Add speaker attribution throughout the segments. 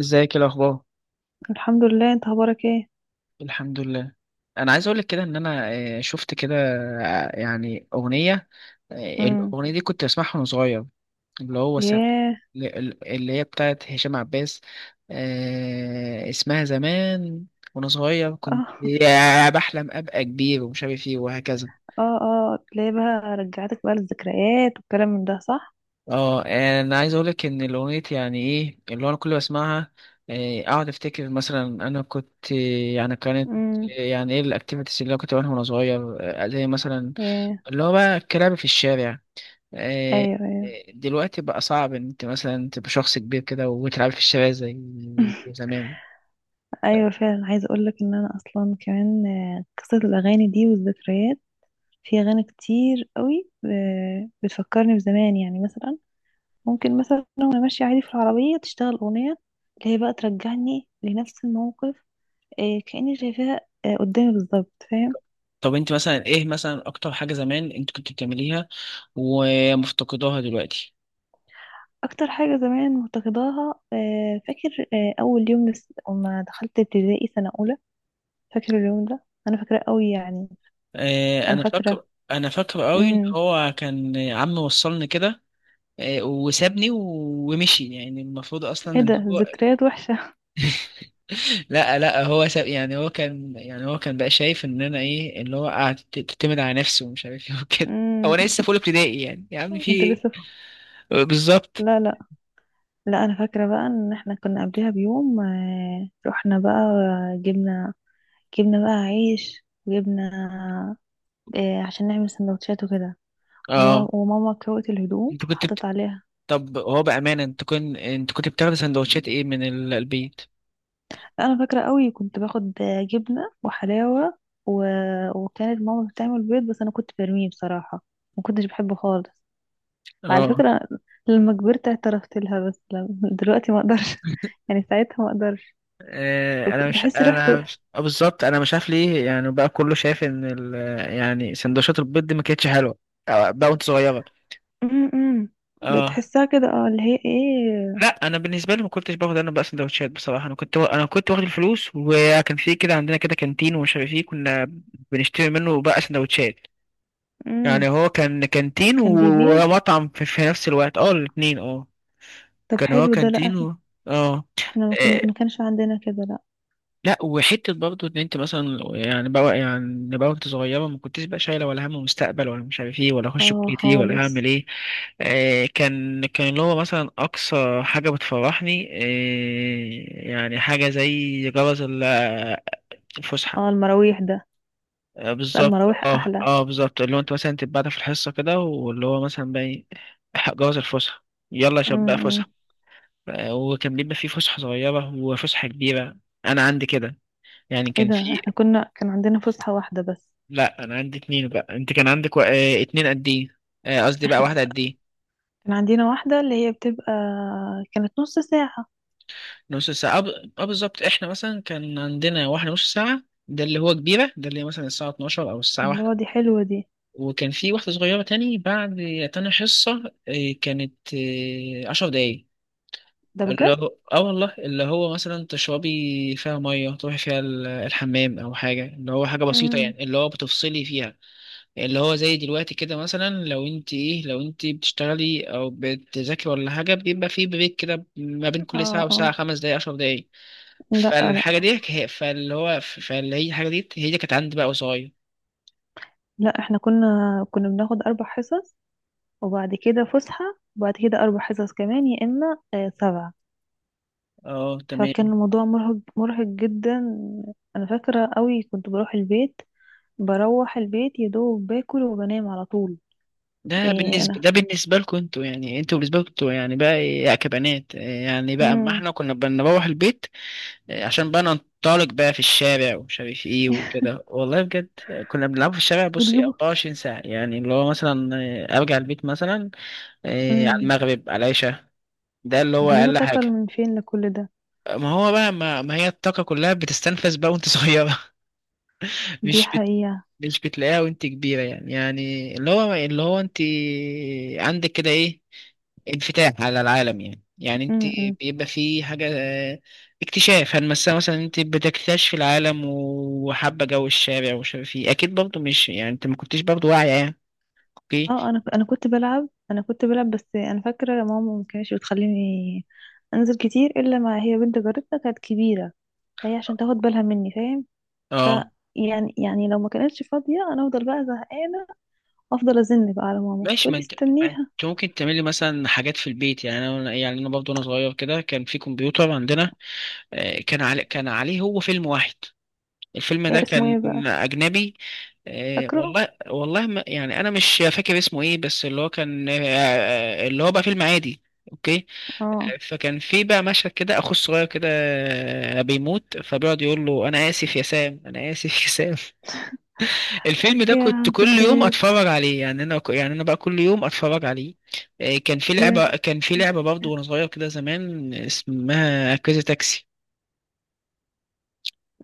Speaker 1: ازيك، ايه الاخبار؟
Speaker 2: الحمد لله، انت اخبارك ايه؟
Speaker 1: الحمد لله. انا عايز اقول لك كده ان انا شفت كده. يعني اغنيه. آه،
Speaker 2: امم
Speaker 1: الاغنيه دي كنت بسمعها وانا صغير. اللي هو سم...
Speaker 2: ياه
Speaker 1: اللي هي بتاعت هشام عباس. اسمها زمان. وانا صغير كنت
Speaker 2: اه
Speaker 1: يا بحلم ابقى كبير ومش عارف ايه وهكذا.
Speaker 2: اه اه تلاقي بقى رجعتك بقى للذكريات والكلام من ده، صح.
Speaker 1: اه، انا عايز اقولك ان الاغنية يعني ايه اللي هو انا كل ما اسمعها اقعد افتكر مثلا انا كنت، يعني كانت،
Speaker 2: امم
Speaker 1: يعني ايه الاكتيفيتيز اللي انا كنت بعملها وانا صغير. زي مثلا
Speaker 2: ياه
Speaker 1: اللي هو بقى الكلام في الشارع. آه،
Speaker 2: ايوه، ايوه.
Speaker 1: دلوقتي بقى صعب ان انت مثلا تبقى شخص كبير كده وتلعب في الشارع زي زمان.
Speaker 2: ايوه فعلا، عايزه اقول لك ان انا اصلا كمان، قصه الاغاني دي والذكريات. في اغاني كتير قوي بتفكرني بزمان، يعني مثلا ممكن مثلا وانا ماشيه عادي في العربيه تشتغل اغنيه اللي هي بقى ترجعني لنفس الموقف، كاني شايفاها قدامي بالظبط، فاهم.
Speaker 1: طب انت مثلا ايه مثلا اكتر حاجة زمان انت كنت بتعمليها ومفتقداها دلوقتي؟
Speaker 2: اكتر حاجه زمان مفتقداها، فاكر اول يوم لما دخلت ابتدائي سنه اولى. فاكر اليوم ده، انا فاكراه قوي يعني. انا
Speaker 1: انا
Speaker 2: فاكره.
Speaker 1: فاكر، انا فاكر قوي ان
Speaker 2: امم
Speaker 1: هو كان عمي وصلني كده. وسابني ومشي. يعني المفروض
Speaker 2: ايه
Speaker 1: اصلا ان
Speaker 2: ده
Speaker 1: هو
Speaker 2: ذكريات وحشه.
Speaker 1: لا لا، هو ساب. يعني هو كان، يعني هو كان بقى شايف ان انا ايه، اللي هو قاعد تعتمد على نفسه ومش عارف ايه وكده. هو
Speaker 2: امم
Speaker 1: انا لسه في اولى ابتدائي يعني، يا عم في
Speaker 2: انت
Speaker 1: ايه؟
Speaker 2: لسه.
Speaker 1: بالظبط.
Speaker 2: لا، لا انا فاكره بقى ان احنا كنا قبلها بيوم، رحنا بقى، جبنا جبنا بقى عيش وجبنا، عشان نعمل سندوتشات وكده. وماما
Speaker 1: اه.
Speaker 2: وماما كوت الهدوم
Speaker 1: انت كنت بت...
Speaker 2: وحطت عليها.
Speaker 1: طب هو بامانه، انت كنت، انت كنت بتاخد سندوتشات ايه من البيت؟
Speaker 2: انا فاكره قوي كنت باخد جبنه وحلاوه و... وكانت ماما بتعمل بيض، بس انا كنت برميه بصراحه، ما كنتش بحبه خالص على
Speaker 1: اه.
Speaker 2: فكره. لما كبرت اعترفت لها، بس لم... دلوقتي ما اقدرش يعني ساعتها ما اقدرش.
Speaker 1: آه، انا مش
Speaker 2: بحس ريحته
Speaker 1: انا مش... آه، بالظبط انا مش عارف ليه. يعني بقى كله شايف ان يعني سندوتشات البيض دي ما كانتش حلوه بقى وانت صغيره.
Speaker 2: أم أم.
Speaker 1: اه.
Speaker 2: بتحسها كده، اه اللي هي ايه.
Speaker 1: لا انا بالنسبه لي ما كنتش باخد انا بقى سندوتشات بصراحه. انا كنت واخد الفلوس، وكان في كده عندنا كده كانتين ومش عارف ايه، كنا بنشتري منه بقى سندوتشات.
Speaker 2: أم.
Speaker 1: يعني هو كان كانتين
Speaker 2: كان بيبيع.
Speaker 1: ومطعم في نفس الوقت. اه، الاتنين. اه.
Speaker 2: طب
Speaker 1: كان هو
Speaker 2: حلو ده،
Speaker 1: كانتين
Speaker 2: لا.
Speaker 1: و... اه.
Speaker 2: احنا
Speaker 1: آه،
Speaker 2: ما كانش عندنا كده، لا.
Speaker 1: لا وحته برضو ان انت مثلا يعني بقى، يعني بقى وانت صغيره ما كنتش بقى شايله ولا هم مستقبل ولا مش عارف ايه، ولا اخش
Speaker 2: اه
Speaker 1: كليه ايه، ولا هعمل
Speaker 2: خالص.
Speaker 1: ايه. كان، كان اللي هو مثلا اقصى حاجه بتفرحني يعني حاجه زي جرس الفسحه.
Speaker 2: اه، المراويح ده. لا،
Speaker 1: بالظبط.
Speaker 2: المراويح احلى.
Speaker 1: اه بالظبط. اللي هو انت مثلا تبقى في الحصه كده، واللي هو مثلا بقى جرس الفسحه، يلا يا
Speaker 2: أم
Speaker 1: شباب بقى
Speaker 2: أم.
Speaker 1: فسحه. وكان بيبقى في فسحه صغيره وفسحه كبيره. انا عندي كده يعني
Speaker 2: ايه
Speaker 1: كان
Speaker 2: ده؟
Speaker 1: في.
Speaker 2: احنا كنا كان عندنا فسحة واحدة بس.
Speaker 1: لا انا عندي اتنين بقى، انت كان عندك و... اتنين قد ايه؟ قصدي بقى واحده قد ايه.
Speaker 2: كان عندنا واحدة اللي هي بتبقى كانت نص ساعة.
Speaker 1: نص ساعه، اه بالظبط. احنا مثلا كان عندنا واحده نص ساعه، ده اللي هو كبيره. ده اللي هي مثلا الساعه 12 او الساعه واحدة.
Speaker 2: الله، دي حلوة دي.
Speaker 1: وكان في واحده صغيره، تاني، بعد تاني حصه، كانت 10 دقايق،
Speaker 2: ده
Speaker 1: اللي
Speaker 2: بجد.
Speaker 1: هو اه والله اللي هو مثلا تشربي فيها ميه، تروحي فيها الحمام، او حاجه. اللي هو حاجه بسيطه
Speaker 2: امم
Speaker 1: يعني، اللي هو بتفصلي فيها، اللي هو زي دلوقتي كده، مثلا لو انت ايه، لو انت بتشتغلي او بتذاكري ولا حاجه بيبقى في بريك كده ما بين كل ساعه
Speaker 2: اه
Speaker 1: وساعه،
Speaker 2: اه
Speaker 1: 5 دقايق، 10 دقايق.
Speaker 2: لا،
Speaker 1: فالحاجه دي هي- فاللي هو فاللي هي الحاجه دي هي دي كانت عندي بقى قصير.
Speaker 2: لا احنا كنا بناخد اربع حصص وبعد كده فسحة وبعد كده اربع حصص كمان، يا اما سبعة.
Speaker 1: اه
Speaker 2: فكان
Speaker 1: تمام.
Speaker 2: الموضوع مرهق، مرهق جدا. انا فاكرة قوي كنت بروح البيت، يا دوب باكل وبنام على طول. ايه؟ انا
Speaker 1: ده بالنسبه لكم انتوا، يعني انتوا بالنسبه لكم انتوا يعني بقى ايه يا كبنات؟ يعني بقى اما
Speaker 2: امم
Speaker 1: احنا كنا بنروح البيت عشان بقى ننطلق بقى في الشارع ومش عارف ايه وكده، والله بجد كنا بنلعب في الشارع بص
Speaker 2: بتجيبوا
Speaker 1: 24 ساعة، يعني اللي هو مثلا ارجع البيت مثلا على
Speaker 2: امم
Speaker 1: المغرب على العشاء، ده اللي هو
Speaker 2: بتجيبوا
Speaker 1: اقل
Speaker 2: طاقة
Speaker 1: حاجة.
Speaker 2: من فين لكل ده؟
Speaker 1: ما هو بقى ما هي الطاقة كلها بتستنفذ بقى وانت صغيرة.
Speaker 2: دي
Speaker 1: مش،
Speaker 2: حقيقة.
Speaker 1: مش بتلاقيها وانت كبيرة. يعني، يعني اللي هو، اللي هو انت عندك كده ايه، انفتاح على العالم. يعني، يعني انت
Speaker 2: أمم.
Speaker 1: بيبقى في حاجة آه، اكتشاف. هل مثلا، مثلا انت بتكتشف العالم وحابة جو الشارع ومش عارف ايه، اكيد برضه مش يعني انت ما كنتش برضه واعية يعني. اوكي.
Speaker 2: اه انا كنت بلعب، كنت بلعب بس انا فاكرة ماما ما كانتش بتخليني انزل كتير، الا ما هي بنت جارتنا كانت كبيرة، فهي عشان تاخد بالها مني فاهم. ف،
Speaker 1: اه
Speaker 2: يعني لو ما كانتش فاضية انا افضل بقى زهقانة، افضل ازن بقى على ماما
Speaker 1: ماشي. ما
Speaker 2: تقولي
Speaker 1: انت ما انت
Speaker 2: استنيها.
Speaker 1: ممكن تعملي مثلا حاجات في البيت. يعني انا، يعني انا برضه وانا صغير كده كان في كمبيوتر عندنا. كان عليه هو فيلم واحد. الفيلم ده
Speaker 2: إيه اسمه ايه بقى؟
Speaker 1: كان أجنبي. آه،
Speaker 2: فاكره.
Speaker 1: والله والله ما يعني أنا مش فاكر اسمه إيه. بس اللي هو كان اللي هو بقى فيلم عادي. أوكي.
Speaker 2: اه.
Speaker 1: فكان في بقى مشهد كده، أخو الصغير كده بيموت، فبيقعد يقول له أنا آسف يا سام، أنا آسف يا سام. الفيلم ده كنت
Speaker 2: يا
Speaker 1: كل يوم
Speaker 2: ذكريات.
Speaker 1: أتفرج عليه، يعني أنا، يعني أنا بقى كل يوم أتفرج عليه. كان في
Speaker 2: يا
Speaker 1: لعبة كان في
Speaker 2: اه،
Speaker 1: لعبة برضه وأنا صغير كده زمان، اسمها كريزي تاكسي.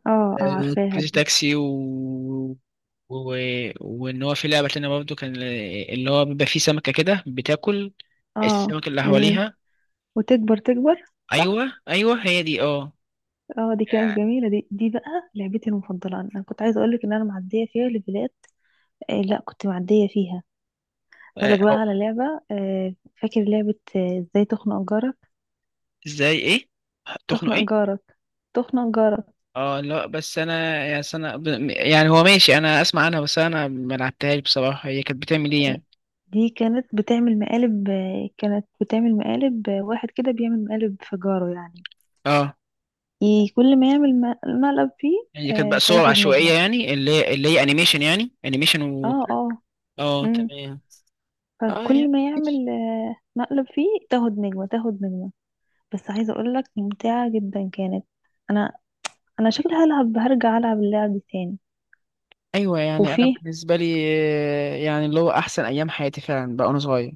Speaker 2: اه عارفاها
Speaker 1: كريزي
Speaker 2: دي.
Speaker 1: تاكسي و... و... وان هو في لعبه تانية برضه كان اللي هو بيبقى فيه سمكه كده بتاكل
Speaker 2: اه،
Speaker 1: السمك اللي
Speaker 2: ليه؟
Speaker 1: حواليها.
Speaker 2: وتكبر تكبر، صح.
Speaker 1: ايوه ايوه، هي دي اه.
Speaker 2: اه دي كانت
Speaker 1: آه،
Speaker 2: جميلة دي، دي بقى لعبتي المفضلة. انا كنت عايزة اقولك ان انا معدية فيها ليفلات، آه. لا كنت معدية فيها. اقولك بقى
Speaker 1: أو
Speaker 2: على لعبة، آه فاكر لعبة، ازاي
Speaker 1: ازاي ايه؟ تخنق
Speaker 2: تخنق
Speaker 1: ايه؟
Speaker 2: جارك تخنق جارك.
Speaker 1: اه لا، بس انا يا سنة يعني هو ماشي، انا اسمع عنها بس انا ما لعبتهاش بصراحه. هي كانت بتعمل ايه
Speaker 2: آه،
Speaker 1: يعني؟
Speaker 2: دي كانت بتعمل مقالب، آه كانت بتعمل مقالب، آه واحد كده بيعمل مقالب في جاره يعني،
Speaker 1: اه.
Speaker 2: كل ما يعمل مقلب فيه.
Speaker 1: هي كانت بقى
Speaker 2: آه،
Speaker 1: صور
Speaker 2: فياخد
Speaker 1: عشوائيه
Speaker 2: نجمة.
Speaker 1: يعني، اللي هي انيميشن يعني، انيميشن و.
Speaker 2: اه اه
Speaker 1: اه
Speaker 2: امم
Speaker 1: تمام. اه
Speaker 2: فكل ما يعمل آه مقلب فيه، تاخد نجمة، بس عايزة اقولك ممتعة جدا كانت. انا، انا شكلي هلعب، هرجع العب اللعب دي تاني.
Speaker 1: ايوه. يعني انا
Speaker 2: وفيه.
Speaker 1: بالنسبه لي يعني اللي هو احسن ايام حياتي فعلا بقى وانا صغير،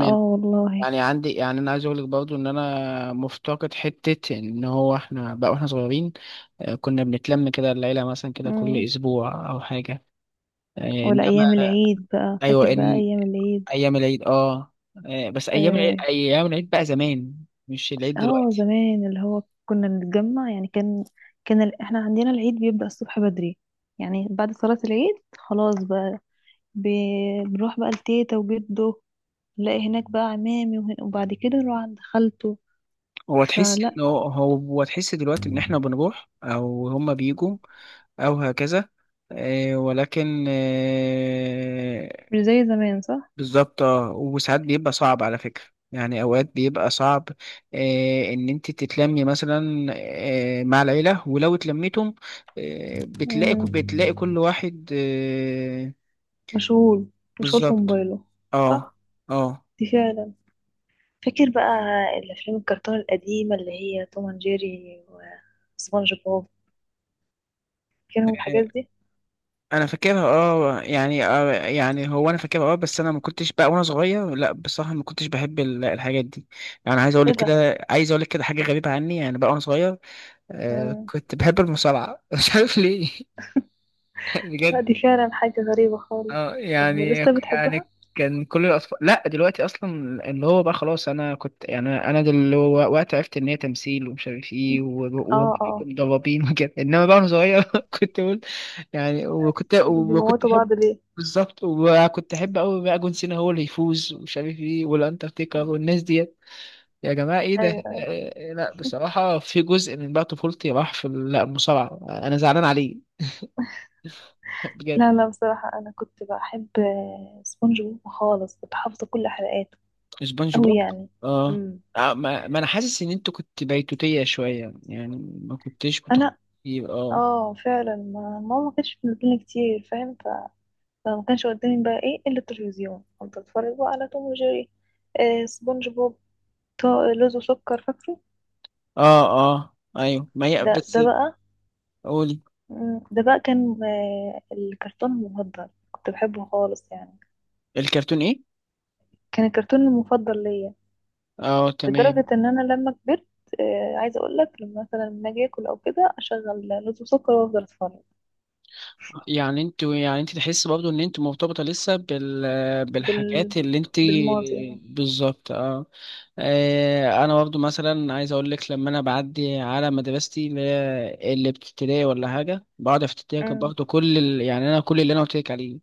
Speaker 2: اه والله.
Speaker 1: يعني عندي، يعني انا عايز اقول لك برضو ان انا مفتقد حته ان هو احنا بقى واحنا صغيرين كنا بنتلم كده العيله مثلا كده كل
Speaker 2: مم.
Speaker 1: اسبوع او حاجه. آه،
Speaker 2: ولا ايام
Speaker 1: انما،
Speaker 2: العيد بقى، فاكر
Speaker 1: ايوه
Speaker 2: بقى
Speaker 1: ان
Speaker 2: ايام العيد؟
Speaker 1: ايام العيد اه، بس ايام العيد،
Speaker 2: اه،
Speaker 1: ايام العيد بقى زمان، مش العيد دلوقتي.
Speaker 2: زمان اللي هو كنا نتجمع يعني. كان، كان احنا عندنا العيد بيبدأ الصبح بدري، يعني بعد صلاة العيد خلاص بقى، بنروح بقى لتيتا وجده، نلاقي هناك بقى عمامي وبعد كده نروح عند خالته.
Speaker 1: هو تحس
Speaker 2: فلا،
Speaker 1: ان هو، هو تحس دلوقتي ان احنا بنروح او هما بيجوا او هكذا؟ آه، ولكن آه،
Speaker 2: مش زي زمان صح؟
Speaker 1: بالظبط. وساعات بيبقى صعب على فكرة، يعني اوقات بيبقى صعب ان انت تتلمي مثلا مع العيلة، ولو اتلميتم بتلاقي،
Speaker 2: مم.
Speaker 1: بتلاقي كل واحد
Speaker 2: مشغول. مشغول في
Speaker 1: بالظبط.
Speaker 2: موبايله.
Speaker 1: اه.
Speaker 2: صح.
Speaker 1: اه
Speaker 2: دي فعلا. فاكر بقى الافلام الكرتون القديمه، اللي هي توم اند جيري وسبونج بوب؟ فاكرهم الحاجات دي؟
Speaker 1: انا فاكرها اه، يعني يعني هو انا فاكرها اه، بس انا ما كنتش بقى وانا صغير، لا بصراحه ما كنتش بحب الحاجات دي. يعني عايز اقول
Speaker 2: ايه
Speaker 1: لك
Speaker 2: ده؟
Speaker 1: كده، عايز اقول لك كده حاجه غريبه عني، يعني بقى وانا صغير
Speaker 2: مم.
Speaker 1: كنت بحب المصارعه. مش عارف ليه.
Speaker 2: لا
Speaker 1: بجد.
Speaker 2: دي فعلا حاجه غريبه خالص.
Speaker 1: اه
Speaker 2: طب
Speaker 1: يعني،
Speaker 2: ولسه بتحبها؟
Speaker 1: يعني كان كل الاطفال، لا دلوقتي اصلا، اللي هو بقى خلاص. انا كنت يعني انا هو وقت عرفت ان هي تمثيل ومش عارف ايه
Speaker 2: اه
Speaker 1: وضبابين وكده، انما بقى وانا صغير كنت اقول يعني. وكنت
Speaker 2: بيموتوا
Speaker 1: احب،
Speaker 2: بعض ليه؟
Speaker 1: بالظبط، وكنت احب قوي بقى جون سينا هو اللي يفوز ومش عارف ايه والانترتيكر
Speaker 2: مم.
Speaker 1: والناس ديت. يا جماعه ايه ده؟
Speaker 2: ايوه.
Speaker 1: لا بصراحه في جزء من بقى طفولتي راح في لا، المصارعه انا زعلان عليه. بجد.
Speaker 2: لا لا، بصراحه انا كنت بحب سبونج بوب خالص، كنت حافظه كل حلقاته
Speaker 1: سبونج
Speaker 2: قوي
Speaker 1: بوب.
Speaker 2: يعني.
Speaker 1: اه
Speaker 2: امم
Speaker 1: آه، ما, ما انا حاسس ان انت كنت بيتوتية شوية يعني، ما كنتش بتخ.
Speaker 2: انا،
Speaker 1: اه
Speaker 2: اه فعلا، ما ماما ما كانتش بتنزلني كتير فاهم، فما كانش قدامي بقى ايه الا التلفزيون. كنت اتفرج بقى على توم وجيري، آه سبونج بوب، لوز وسكر، فاكره.
Speaker 1: اه اه ايوه، ما هي
Speaker 2: ده،
Speaker 1: بس،
Speaker 2: ده بقى
Speaker 1: قولي.
Speaker 2: مم، ده بقى كان آه الكرتون المفضل، كنت بحبه خالص يعني.
Speaker 1: الكرتون ايه؟
Speaker 2: كان الكرتون المفضل ليا
Speaker 1: اه تمام.
Speaker 2: لدرجة ان انا لما كبرت، آه عايزة اقول لك، لما مثلا لما اجي اكل او كده اشغل لوز وسكر وافضل اتفرج.
Speaker 1: يعني انت، يعني انت تحس برضو ان انت مرتبطة لسه بال،
Speaker 2: بال...
Speaker 1: بالحاجات اللي انت.
Speaker 2: بالماضي يعني.
Speaker 1: بالظبط اه. انا برضو مثلا عايز اقول لك، لما انا بعدي على مدرستي اللي هي اللي بتبتدائي ولا حاجه بقعد افتكر
Speaker 2: مم،
Speaker 1: برضو كل يعني انا كل اللي انا قلت لك عليه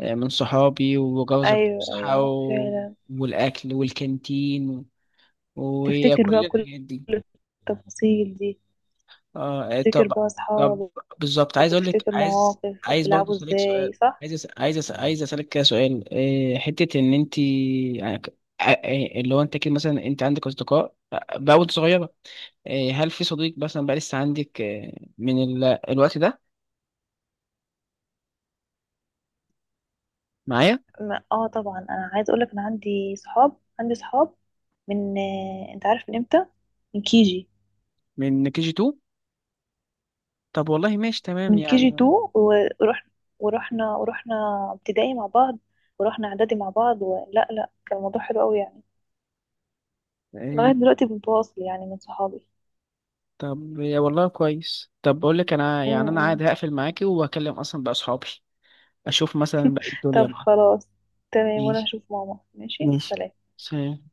Speaker 1: من صحابي وجوز الفسحة
Speaker 2: ايوه
Speaker 1: و-
Speaker 2: فعلا.
Speaker 1: والأكل والكانتين
Speaker 2: تفتكر بقى
Speaker 1: وكل
Speaker 2: كل
Speaker 1: الحاجات دي.
Speaker 2: التفاصيل دي؟
Speaker 1: اه
Speaker 2: تفتكر
Speaker 1: طب.
Speaker 2: بقى
Speaker 1: طب
Speaker 2: اصحابك،
Speaker 1: بالظبط عايز أقول لك،
Speaker 2: وبتفتكر
Speaker 1: عايز
Speaker 2: مواقف،
Speaker 1: عايز برضه
Speaker 2: وبتلعبوا
Speaker 1: أسألك سؤال.
Speaker 2: ازاي، صح.
Speaker 1: عايز أسألك كده سؤال حتة إن أنت يعني اللي هو أنت كده مثلا أنت عندك أصدقاء بقى وأنت صغيرة، هل في صديق مثلا بقى لسه عندك من الوقت ده معايا؟
Speaker 2: اه طبعا، انا عايز اقولك انا عندي صحاب، من آه، انت عارف من امتى؟ من كيجي.
Speaker 1: من كي جي 2؟ طب والله ماشي تمام
Speaker 2: من كيجي 2،
Speaker 1: يعني.
Speaker 2: ورحنا، ورحنا ورحنا ابتدائي مع بعض، ورحنا اعدادي مع بعض، ولا لا كان الموضوع حلو قوي يعني. لغاية
Speaker 1: آه،
Speaker 2: دلوقتي بنتواصل يعني، من صحابي.
Speaker 1: طب يا والله كويس. طب بقول لك انا
Speaker 2: م-
Speaker 1: يعني انا
Speaker 2: م.
Speaker 1: عادي، هقفل معاكي وهكلم اصلا بقى اصحابي، اشوف مثلا بقى
Speaker 2: طب
Speaker 1: الدنيا.
Speaker 2: خلاص، تمام، وانا
Speaker 1: ماشي.
Speaker 2: هشوف ماما، ماشي
Speaker 1: ماشي.
Speaker 2: سلام.
Speaker 1: سلام.